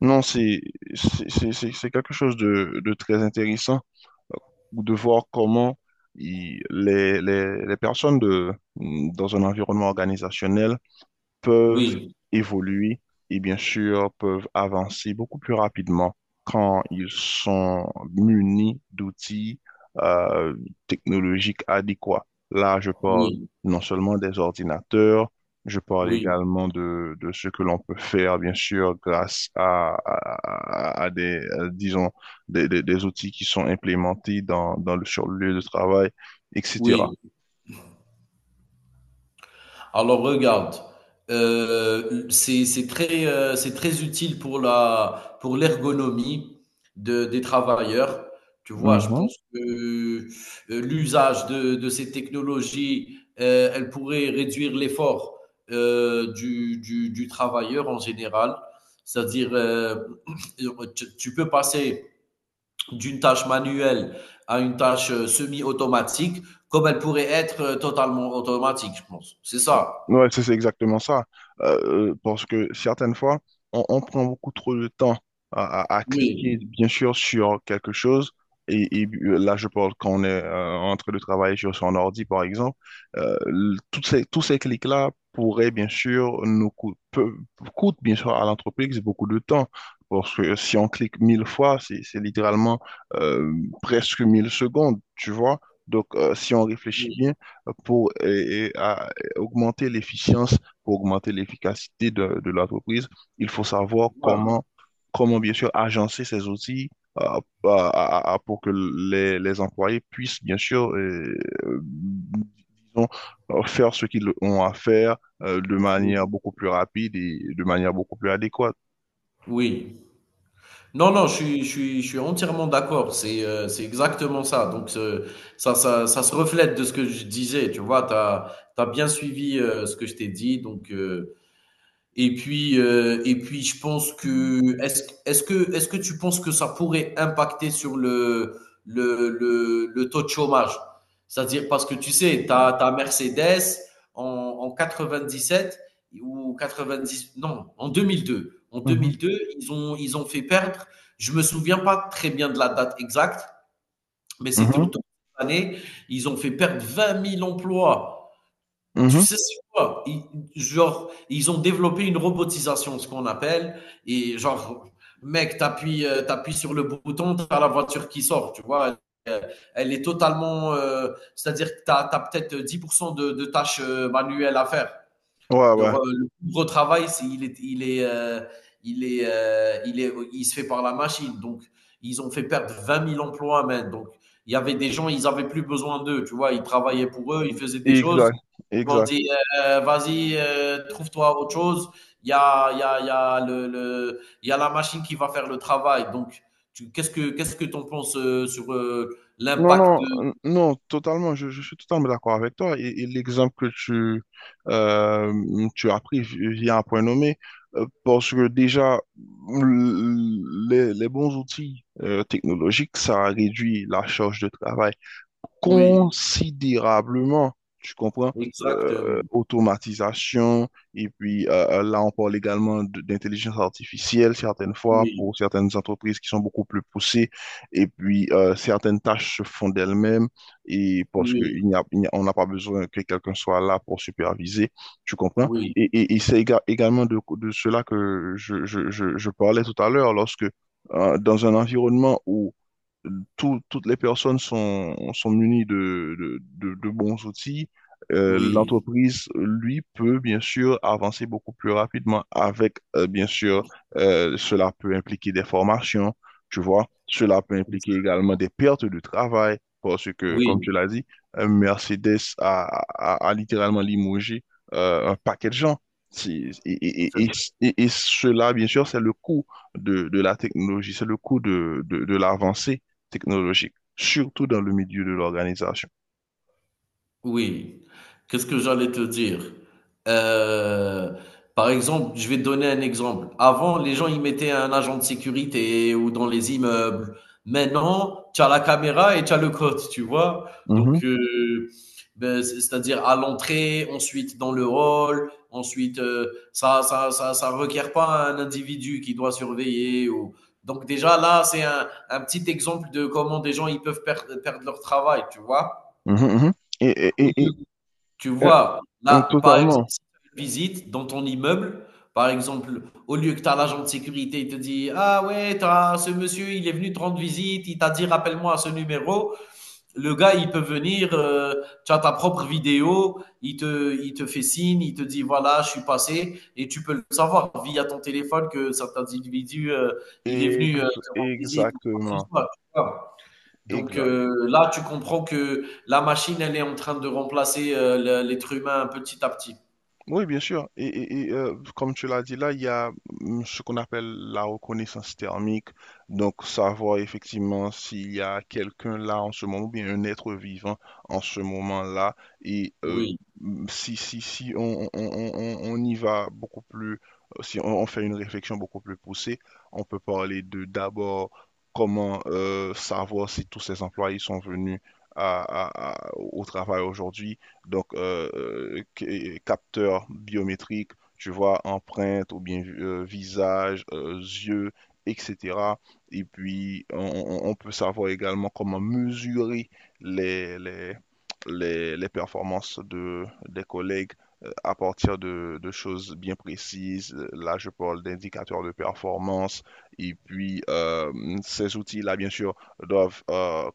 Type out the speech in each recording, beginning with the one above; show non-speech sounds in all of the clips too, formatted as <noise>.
Non, c'est c'est quelque chose de très intéressant, euh, de voir comment les personnes dans un environnement organisationnel peuvent Oui, évoluer et bien sûr peuvent avancer beaucoup plus rapidement quand ils sont munis d'outils euh, technologiques adéquats. Là, je parle oui, non seulement des ordinateurs, je parle oui, également de ce que l'on peut faire, bien sûr, grâce à des, disons, des outils qui sont implémentés dans le, sur le lieu de travail, etc. oui. Alors regarde, c'est très c'est très utile pour la pour l'ergonomie de des travailleurs. Tu vois, je Mhm. pense que l'usage de ces technologies, elle pourrait réduire l'effort du travailleur en général. C'est-à-dire, <clears throat> tu peux passer d'une tâche manuelle à une tâche semi-automatique, comme elle pourrait être totalement automatique, je pense. C'est ça. Ouais, c'est exactement ça. Parce que certaines fois, on prend beaucoup trop de temps à cliquer, Oui, bien sûr, sur quelque chose. Là, je parle quand on est en train de travailler sur son ordi, par exemple. Toutes ces, tous ces clics-là pourraient, bien sûr, nous coûter, coûtent, bien sûr, à l'entreprise beaucoup de temps. Parce que si on clique mille fois, c'est littéralement, euh, presque mille secondes, tu vois. Donc, si on réfléchit oui, bien, pour augmenter l'efficience, pour augmenter l'efficacité de l'entreprise, il faut savoir ouais, comment, comment bien sûr agencer ces outils euh, à- pour que les employés puissent bien sûr, disons, faire ce qu'ils ont à faire, de oui, manière beaucoup plus rapide et de manière beaucoup plus adéquate. oui. Non, non, je suis entièrement d'accord. C'est exactement ça. Donc, ça se reflète de ce que je disais. Tu vois, tu as bien suivi ce que je t'ai dit. Donc, et puis, je pense que est-ce que tu penses que ça pourrait impacter sur le taux de chômage? C'est-à-dire parce que tu sais, tu as, Mercedes en 97 ou 90, non, en 2002. En Mhm, 2002, ils ont fait perdre. Je me souviens pas très bien de la date exacte, mais c'était mhm, autour de cette année. Ils ont fait perdre 20 000 emplois. Tu mhm. sais, c'est quoi? Genre, ils ont développé une robotisation, ce qu'on appelle, et genre, mec, t'appuies sur le bouton, t'as la voiture qui sort, tu vois. Euh, Elle est totalement, c'est-à-dire que t'as, as peut-être 10% de tâches manuelles à faire. Ouais, De ouais, re- le plus gros travail, c'est il est, il est, il est, il se fait par la machine. Donc, ils ont fait perdre 20 000 emplois, man. Donc, il y avait des gens, ils avaient plus besoin d'eux, tu vois. Ils travaillaient pour eux, ils faisaient des choses. exact, Ils m'ont exact. dit, vas-y, trouve-toi autre chose. Il y a la machine qui va faire le travail. Donc, qu'est-ce que t'en penses sur Non, l'impact non, de. Non, totalement, je suis totalement d'accord avec toi. Et l'exemple que euh, tu as vient à point nommé, parce que déjà, l- les bons outils technologiques, ça réduit la charge de travail Oui, considérablement, tu comprends, exactement. automatisation, et puis là on parle également d'intelligence artificielle certaines fois Oui, pour certaines entreprises qui sont beaucoup plus poussées, et puis certaines tâches se font d'elles-mêmes, et parce que oui, on n'a pas besoin que quelqu'un soit là pour superviser, tu comprends? oui, Et c'est également de cela que je parlais tout à l'heure, lorsque, dans un environnement où toutes les personnes sont munies de bons outils. L'entreprise, lui, peut bien sûr avancer beaucoup plus rapidement avec, bien sûr, cela peut impliquer des formations, tu vois, cela peut oui. impliquer également des pertes de travail, parce que, comme Oui, tu l'as dit, Mercedes a littéralement limogé, un paquet de gens. C'est- Et, et, c'est et, et cela, bien sûr, c'est le coût de la technologie, c'est le coût de l'avancée technologique, surtout dans le milieu de l'organisation. oui. Qu'est-ce que j'allais te dire? Heu, Par exemple, je vais te donner un exemple. Avant, les gens, ils mettaient un agent de sécurité ou dans les immeubles. Maintenant, tu as la caméra et tu as le code, tu vois? Mhm, Donc beh, c'est-à-dire à l'entrée, ensuite dans le hall, ensuite, ça requiert pas un individu qui doit surveiller ou donc déjà là, c'est un petit exemple de comment des gens, ils peuvent perdre leur travail, tu vois? mhm, mhm. Et, et- Au et- et, lieu Tu euh, vois? Là, par exemple, Totalement. si tu as une visite dans ton immeuble, par exemple, au lieu que tu as l'agent de sécurité, il te dit: «Ah ouais, t'as ce monsieur, il est venu te rendre visite, il t'a dit: "Rappelle-moi à ce numéro"», le gars, il peut venir, tu as ta propre vidéo, il te fait signe, il te dit: «Voilà, je suis passé» et tu peux le savoir via ton téléphone que cet individu, il est venu, Ex- te rendre visite ou quoi que ce exactement. soit, tu vois? Donc Exact. Là, tu comprends que la machine, elle est en train de remplacer, le l'être humain petit à petit. Oui, bien sûr. Comme tu l'as dit là, il y a, ce qu'on appelle la reconnaissance thermique. Donc, savoir effectivement s'il y a quelqu'un là en ce moment, ou bien un être vivant en ce moment-là. Et Oui, si, on y va beaucoup plus, si on, on fait une réflexion beaucoup plus poussée, on peut parler de d'abord comment, savoir si tous ces employés sont venus à- au travail aujourd'hui, donc capteurs biométriques, tu vois, empreinte ou bien visage, yeux, etc. Et puis, peut savoir également comment mesurer les, les, les performances de, des collègues, à partir de choses bien précises. Là, je parle d'indicateurs de performance. Et puis, ces outils-là, bien sûr, doivent,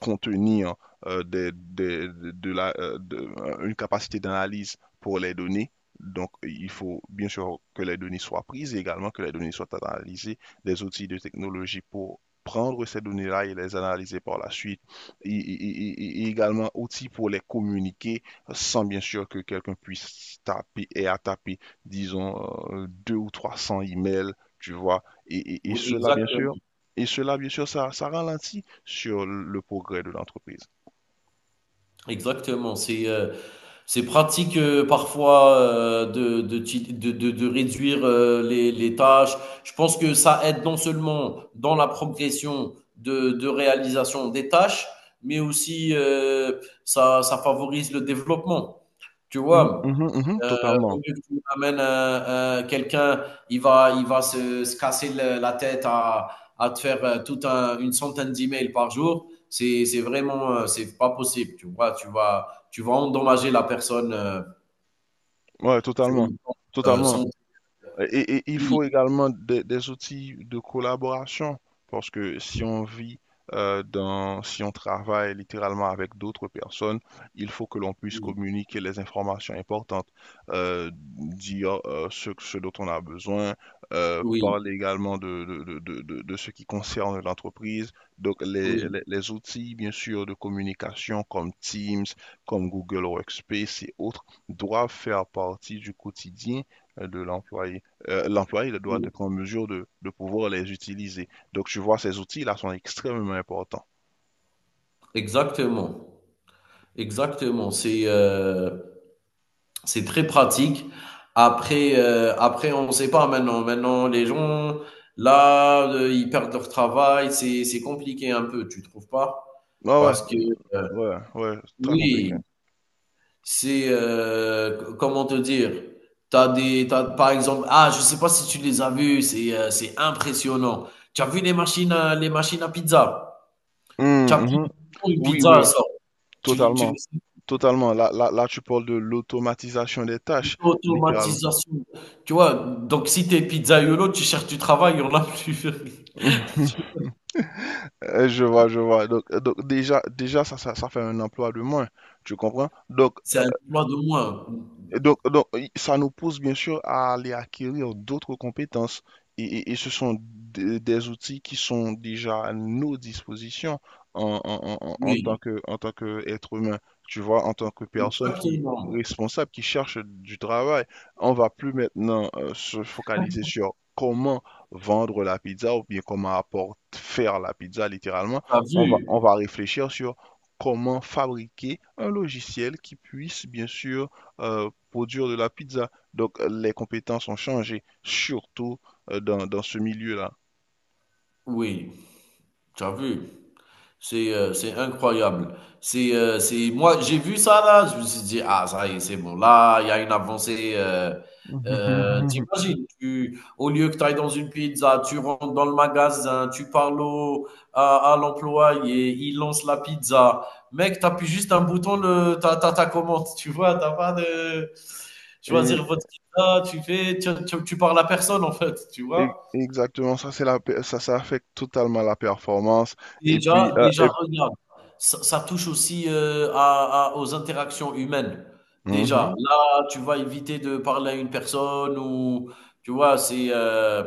contenir, une capacité d'analyse pour les données. Donc, il faut bien sûr que les données soient prises et également que les données soient analysées, des outils de technologie pour prendre ces données-là et les analyser par la suite, et également outils pour les communiquer sans bien sûr que quelqu'un puisse taper et à taper, disons, deux ou 300 emails, tu vois. Oui, exactement, Et cela, bien sûr, ça ralentit sur le progrès de l'entreprise. exactement. C'est pratique, parfois, de ti de réduire, les tâches. Je pense que ça aide non seulement dans la progression de réalisation des tâches, mais aussi, ça favorise le développement, tu Mhm, vois? mhm, mhm, Euh, Au totalement. lieu que tu amènes quelqu'un, il va se casser la tête à te faire une centaine d'emails par jour. C'est vraiment, c'est pas possible. Tu vois, tu vas endommager la personne Ouais, sur totalement. le plan Totalement. santé. Et il Oui, faut également des outils de collaboration, parce que si on travaille littéralement avec d'autres personnes, il faut que l'on puisse oui, communiquer les informations importantes, dire ce dont on a besoin, oui, parler également ce qui concerne l'entreprise. Donc oui, les outils, bien sûr, de communication comme Teams, comme Google Workspace et autres, doivent faire partie du quotidien de l'employé. L'employé il doit oui. être en mesure de pouvoir les utiliser. Donc, tu vois, ces outils-là sont extrêmement importants. Exactement, exactement. C'est très pratique. Après, on ne sait pas maintenant. Maintenant, les gens, là, ils perdent leur travail. C'est compliqué un peu, tu trouves pas? Ah ouais, Parce que, euh, ouais, ouais, très compliqué. oui, comment te dire? T'as, par exemple, ah, je sais pas si tu les as vus, c'est impressionnant. Tu as vu les machines à pizza? Tu as pris Mhm. une Oui, pizza, elle oui, sort. Tu, tu, totalement. Totalement. Là, là, là, tu parles de l'automatisation des tâches, littéralement. L'automatisation. Tu vois? Donc si t'es pizzaïolo, tu cherches du travail, il y en a plus. <laughs> <laughs> Je vois, je vois. Donc déjà, ça fait un emploi de moins. Tu comprends? C'est un emploi de moins. Donc, ça nous pousse bien sûr à aller acquérir d'autres compétences. Et ce sont des outils qui sont déjà à nos dispositions en tant Oui, que, en tant qu'être humain, tu vois, en tant que personne qui exactement. responsable, qui cherche du travail. On va plus maintenant se focaliser sur comment vendre la pizza ou bien comment apporter, faire la pizza littéralement. Tu as On vu? va réfléchir sur comment fabriquer un logiciel qui puisse bien sûr, produire de la pizza. Donc, les compétences ont changé, surtout dans ce milieu-là. Oui, tu as vu? C'est incroyable. C'est moi j'ai vu ça là, je me suis dit ah ça y est, c'est bon là, il y a une avancée <laughs> t'imagines tu au lieu que tu ailles dans une pizza, tu rentres dans le magasin, tu parles à l'employé, il lance la pizza. Mec, tu appuies juste un bouton le ta ta ta commande, tu vois, t'as pas de Et, choisir votre pizza, tu fais tu, tu, tu parles à personne en fait, tu vois. Exactement, ça, c'est la, pe- ça affecte totalement la performance. Et puis, Déjà euh, déjà et- regarde, ça touche aussi, à aux interactions humaines. Déjà, Mhm, là, tu vas éviter de parler à une personne ou tu vois? C'est,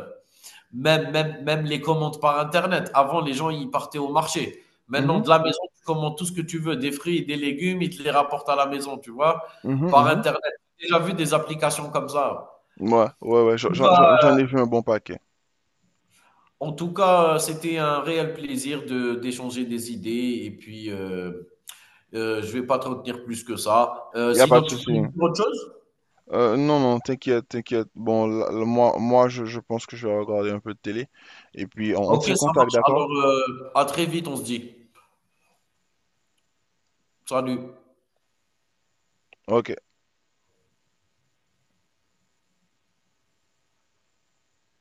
même même même les commandes par internet. Avant, les gens, ils partaient au marché. Maintenant, mhm, de la maison, tu commandes tout ce que tu veux, des fruits, des légumes, ils te les rapportent à la maison, tu vois? mhm, Par mhm. internet. J'ai déjà vu des applications comme ça. Ouais, ouais, ouais, En tout cas j'en ai vu un bon paquet. en tout cas, c'était un réel plaisir de d'échanger des idées et puis, je vais pas te retenir plus que ça. Il a pas Sinon, de tu veux souci. dire autre chose? Non, non, t'inquiète, t'inquiète. Bon, là, là, moi je pense que je vais regarder un peu de télé. Et puis, on Ok, tient ça contact, marche. d'accord? Alors, à très vite, on se dit. Salut. Ok.